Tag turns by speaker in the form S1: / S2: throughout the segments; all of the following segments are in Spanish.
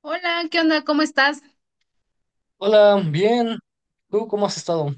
S1: Hola, ¿qué onda? ¿Cómo estás?
S2: Hola, bien. ¿Tú cómo has estado?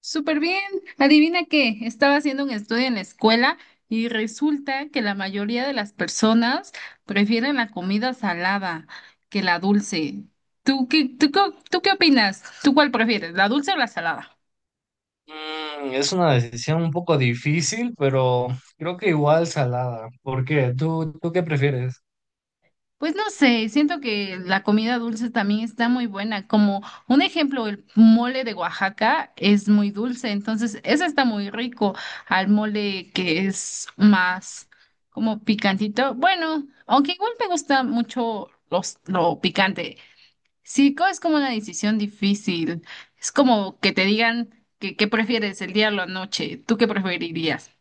S1: Súper bien. Adivina qué, estaba haciendo un estudio en la escuela y resulta que la mayoría de las personas prefieren la comida salada que la dulce. ¿Tú qué, tú, tú qué opinas? ¿Tú cuál prefieres, la dulce o la salada?
S2: Es una decisión un poco difícil, pero creo que igual salada. ¿Por qué? ¿Tú qué prefieres?
S1: Pues no sé, siento que la comida dulce también está muy buena. Como un ejemplo, el mole de Oaxaca es muy dulce, entonces ese está muy rico al mole que es más como picantito. Bueno, aunque igual me gusta mucho lo picante. Sí, es como una decisión difícil. Es como que te digan que prefieres el día o la noche. ¿Tú qué preferirías?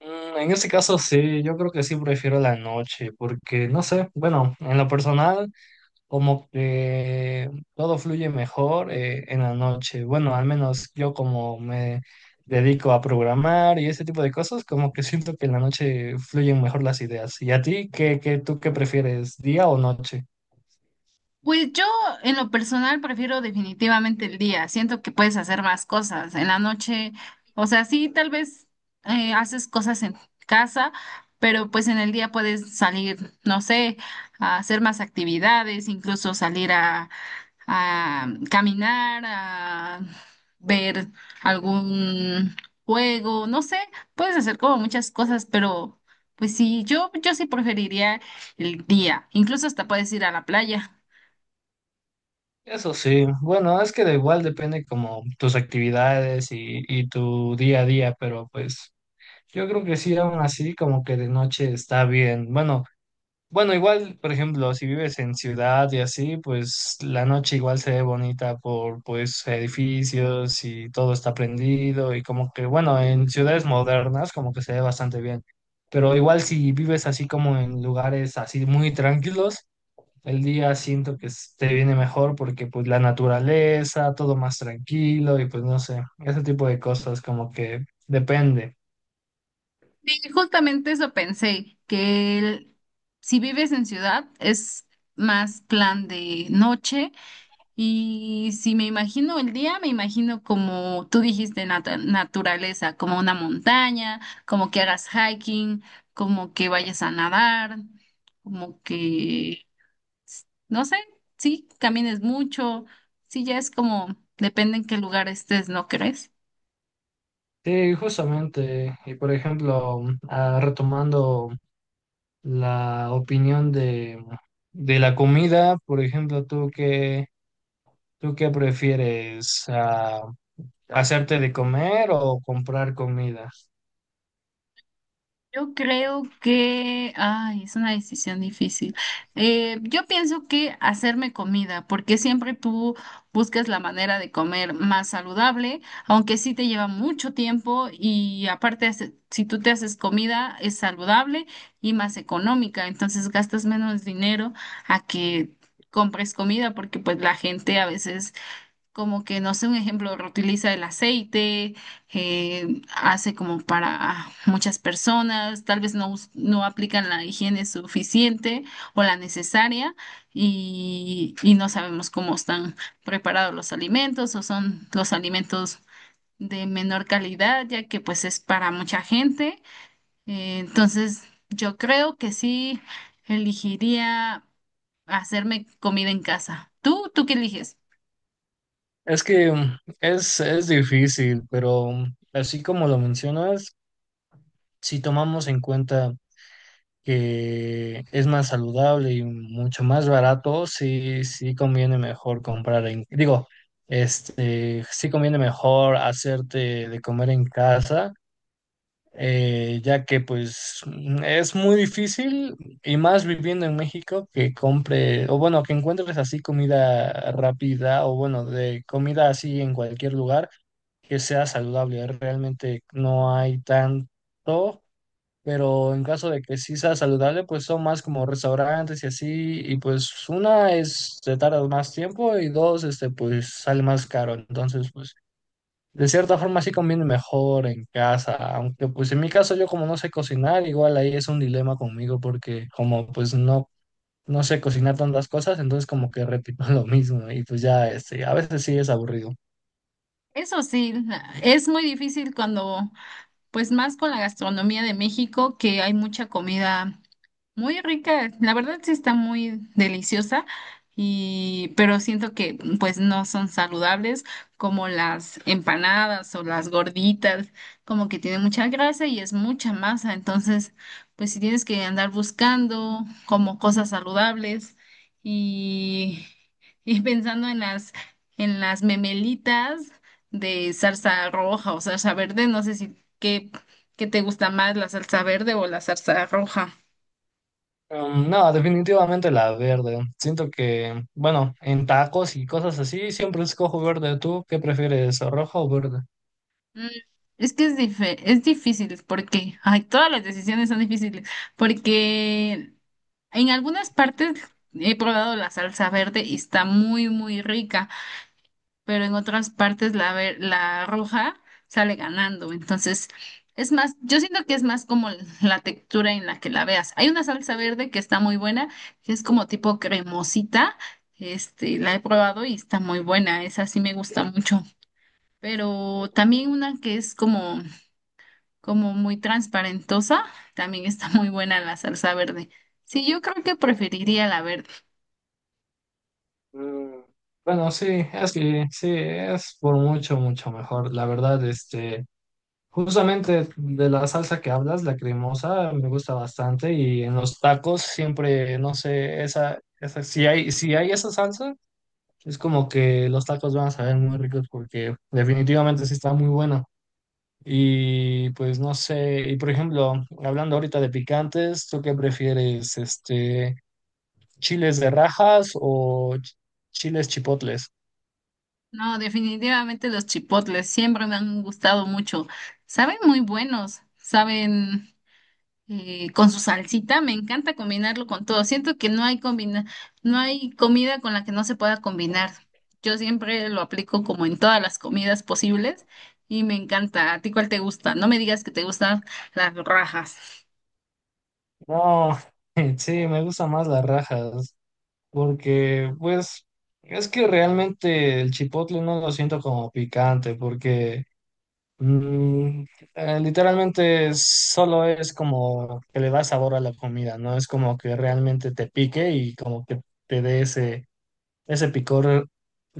S2: En este caso sí, yo creo que sí prefiero la noche, porque no sé, bueno, en lo personal como que todo fluye mejor en la noche. Bueno, al menos yo como me dedico a programar y ese tipo de cosas, como que siento que en la noche fluyen mejor las ideas. ¿Y a ti tú qué prefieres, día o noche?
S1: Pues yo en lo personal prefiero definitivamente el día. Siento que puedes hacer más cosas en la noche. O sea, sí, tal vez haces cosas en casa, pero pues en el día puedes salir, no sé, a hacer más actividades, incluso salir a caminar, a ver algún juego, no sé, puedes hacer como muchas cosas, pero pues sí, yo sí preferiría el día. Incluso hasta puedes ir a la playa.
S2: Eso sí, bueno, es que de igual depende como tus actividades y tu día a día, pero pues yo creo que sí, aún así como que de noche está bien. Bueno, bueno, igual, por ejemplo, si vives en ciudad y así, pues la noche igual se ve bonita por pues edificios y todo está prendido y como que, bueno, en ciudades modernas como que se ve bastante bien, pero igual si vives así como en lugares así muy tranquilos. El día siento que te viene mejor porque pues la naturaleza, todo más tranquilo y pues no sé, ese tipo de cosas como que depende.
S1: Sí, justamente eso pensé, si vives en ciudad es más plan de noche y si me imagino el día, me imagino como tú dijiste, naturaleza, como una montaña, como que hagas hiking, como que vayas a nadar, como que, no sé, sí, camines mucho, sí, ya es como, depende en qué lugar estés, ¿no crees?
S2: Sí, justamente. Y por ejemplo, ah, retomando la opinión de la comida, por ejemplo, ¿tú qué prefieres? Ah, ¿hacerte de comer o comprar comida?
S1: Yo creo que, ay, es una decisión difícil. Yo pienso que hacerme comida, porque siempre tú buscas la manera de comer más saludable, aunque sí te lleva mucho tiempo y aparte, si tú te haces comida, es saludable y más económica, entonces gastas menos dinero a que compres comida, porque pues la gente a veces como que, no sé, un ejemplo, reutiliza el aceite, hace como para muchas personas, tal vez no, no aplican la higiene suficiente o la necesaria y no sabemos cómo están preparados los alimentos o son los alimentos de menor calidad, ya que pues es para mucha gente. Entonces, yo creo que sí elegiría hacerme comida en casa. ¿Tú, tú qué eliges?
S2: Es que es difícil, pero así como lo mencionas, si tomamos en cuenta que es más saludable y mucho más barato, sí conviene mejor comprar en, digo, este, sí conviene mejor hacerte de comer en casa, ya que pues es muy difícil y más viviendo en México que compre, o bueno, que encuentres así comida rápida o bueno, de comida así en cualquier lugar que sea saludable. Realmente no hay tanto, pero en caso de que sí sea saludable, pues son más como restaurantes y así, y pues una es, te tardas más tiempo y dos, este, pues sale más caro, entonces pues de cierta forma sí conviene mejor en casa, aunque pues en mi caso yo como no sé cocinar, igual ahí es un dilema conmigo porque como pues no... No sé cocinar tantas cosas, entonces como que repito lo mismo y pues ya este, a veces sí es aburrido.
S1: Eso sí, es muy difícil cuando, pues más con la gastronomía de México, que hay mucha comida. Muy rica, la verdad sí está muy deliciosa y pero siento que pues no son saludables como las empanadas o las gorditas, como que tienen mucha grasa y es mucha masa, entonces pues si tienes que andar buscando como cosas saludables y y pensando en las memelitas de salsa roja o salsa verde, no sé si qué te gusta más, la salsa verde o la salsa roja.
S2: No, definitivamente la verde. Siento que, bueno, en tacos y cosas así, siempre escojo verde. ¿Tú qué prefieres, rojo o verde?
S1: Mm, es que es, es difícil porque, ay, todas las decisiones son difíciles porque en algunas partes he probado la salsa verde y está muy, muy rica, pero en otras partes la roja sale ganando. Entonces, es más, yo siento que es más como la textura en la que la veas. Hay una salsa verde que está muy buena, que es como tipo cremosita. Este, la he probado y está muy buena. Esa sí me gusta mucho pero también una que es como muy transparentosa, también está muy buena la salsa verde. Sí, yo creo que preferiría la verde.
S2: Mm. Bueno, sí, es que sí, es por mucho, mucho mejor. La verdad, este, justamente de la salsa que hablas, la cremosa, me gusta bastante y en los tacos siempre, no sé, si hay, si hay esa salsa, es como que los tacos van a saber muy ricos porque definitivamente sí está muy bueno. Y pues no sé, y por ejemplo, hablando ahorita de picantes, ¿tú qué prefieres? Este, ¿chiles de rajas o chiles chipotles?
S1: No, definitivamente los chipotles siempre me han gustado mucho. Saben muy buenos, saben con su salsita, me encanta combinarlo con todo. Siento que no hay combina, no hay comida con la que no se pueda combinar. Yo siempre lo aplico como en todas las comidas posibles y me encanta. ¿A ti cuál te gusta? No me digas que te gustan las rajas.
S2: No, sí, me gustan más las rajas, porque pues es que realmente el chipotle no lo siento como picante, porque mm, literalmente solo es como que le da sabor a la comida, no es como que realmente te pique y como que te dé ese picor,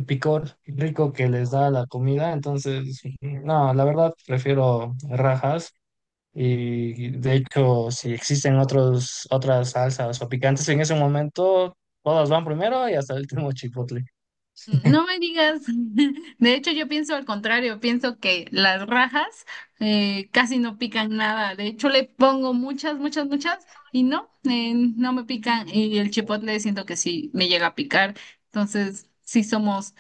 S2: picor rico que les da la comida. Entonces, no, la verdad prefiero rajas. Y de hecho, si existen otras salsas o picantes en ese momento, todas van primero y hasta el último chipotle.
S1: No me digas. De hecho, yo pienso al contrario. Pienso que las rajas casi no pican nada. De hecho, le pongo muchas, muchas, muchas y no, no me pican. Y el chipotle siento que sí me llega a picar. Entonces, sí somos,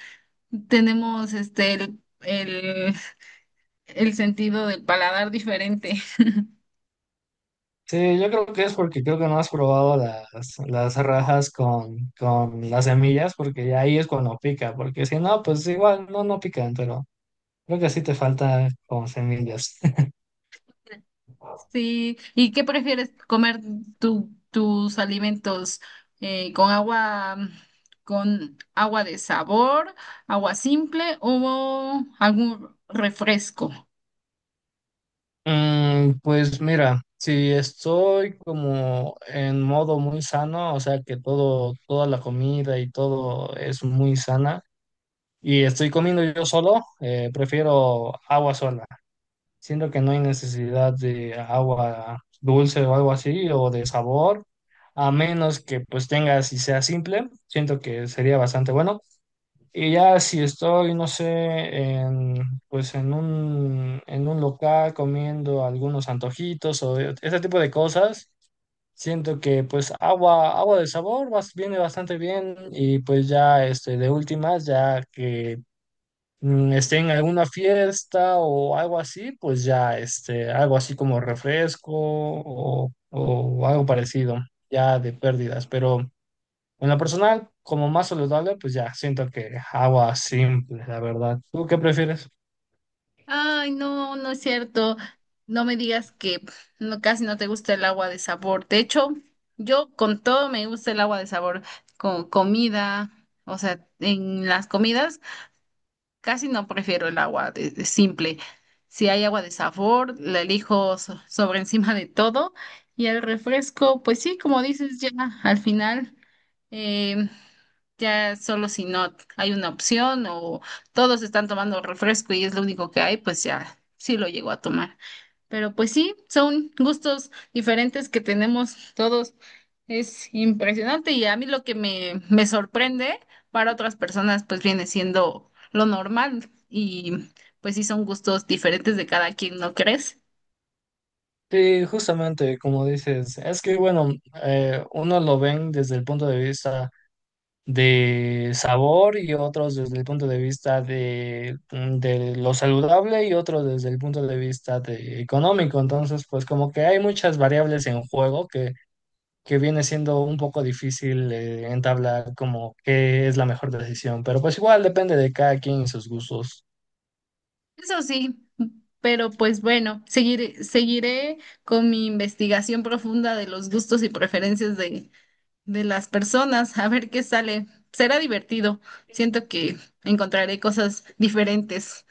S1: tenemos este el sentido del paladar diferente.
S2: Sí, yo creo que es porque creo que no has probado las rajas con las semillas, porque ya ahí es cuando pica, porque si no, pues igual no, no pican, pero creo que sí te falta con semillas.
S1: Sí, ¿y qué prefieres comer tus alimentos eh, con agua, con agua de sabor, agua simple o algún refresco?
S2: Pues mira, si estoy como en modo muy sano, o sea que toda la comida y todo es muy sana, y estoy comiendo yo solo, prefiero agua sola. Siento que no hay necesidad de agua dulce o algo así, o de sabor, a menos que pues tengas y sea simple. Siento que sería bastante bueno. Y ya si estoy, no sé, en un local comiendo algunos antojitos o ese tipo de cosas, siento que pues agua de sabor viene bastante bien y pues ya este, de últimas, ya que mm, esté en alguna fiesta o algo así, pues ya este, algo así como refresco o algo parecido, ya de pérdidas, pero... En lo personal, como más saludable, pues ya siento que agua simple, la verdad. ¿Tú qué prefieres?
S1: Ay, no, no es cierto. No me digas que no, casi no te gusta el agua de sabor. De hecho, yo con todo me gusta el agua de sabor, con comida, o sea, en las comidas. Casi no prefiero el agua de simple. Si hay agua de sabor, la elijo sobre encima de todo. Y el refresco, pues sí, como dices, ya al final, eh, ya solo si no hay una opción o todos están tomando refresco y es lo único que hay, pues ya sí lo llego a tomar. Pero pues sí, son gustos diferentes que tenemos todos. Es impresionante y a mí lo que me sorprende para otras personas pues viene siendo lo normal y pues sí son gustos diferentes de cada quien, ¿no crees?
S2: Sí, justamente como dices, es que bueno, unos lo ven desde el punto de vista de sabor y otros desde el punto de vista de, mm, de lo saludable y otros desde el punto de vista de económico. Entonces, pues como que hay muchas variables en juego que viene siendo un poco difícil entablar como qué es la mejor decisión, pero pues igual depende de cada quien y sus gustos.
S1: Eso sí, pero pues bueno, seguiré con mi investigación profunda de los gustos y preferencias de las personas a ver qué sale. Será divertido. Siento que encontraré cosas diferentes.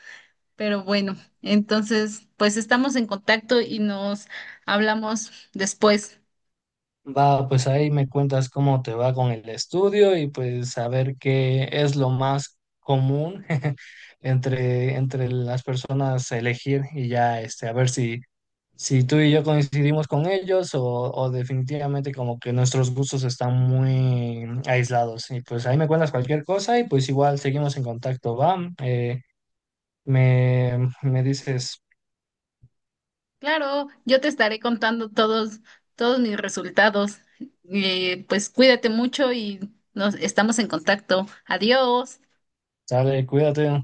S1: Pero bueno, entonces, pues estamos en contacto y nos hablamos después.
S2: Va, pues ahí me cuentas cómo te va con el estudio y pues a ver qué es lo más común entre las personas a elegir y ya este, a ver si, si tú y yo coincidimos con ellos o definitivamente como que nuestros gustos están muy aislados. Y pues ahí me cuentas cualquier cosa y pues igual seguimos en contacto, va. Eh, me dices,
S1: Claro, yo te estaré contando todos mis resultados. Pues cuídate mucho y nos estamos en contacto. Adiós.
S2: sale, cuídate.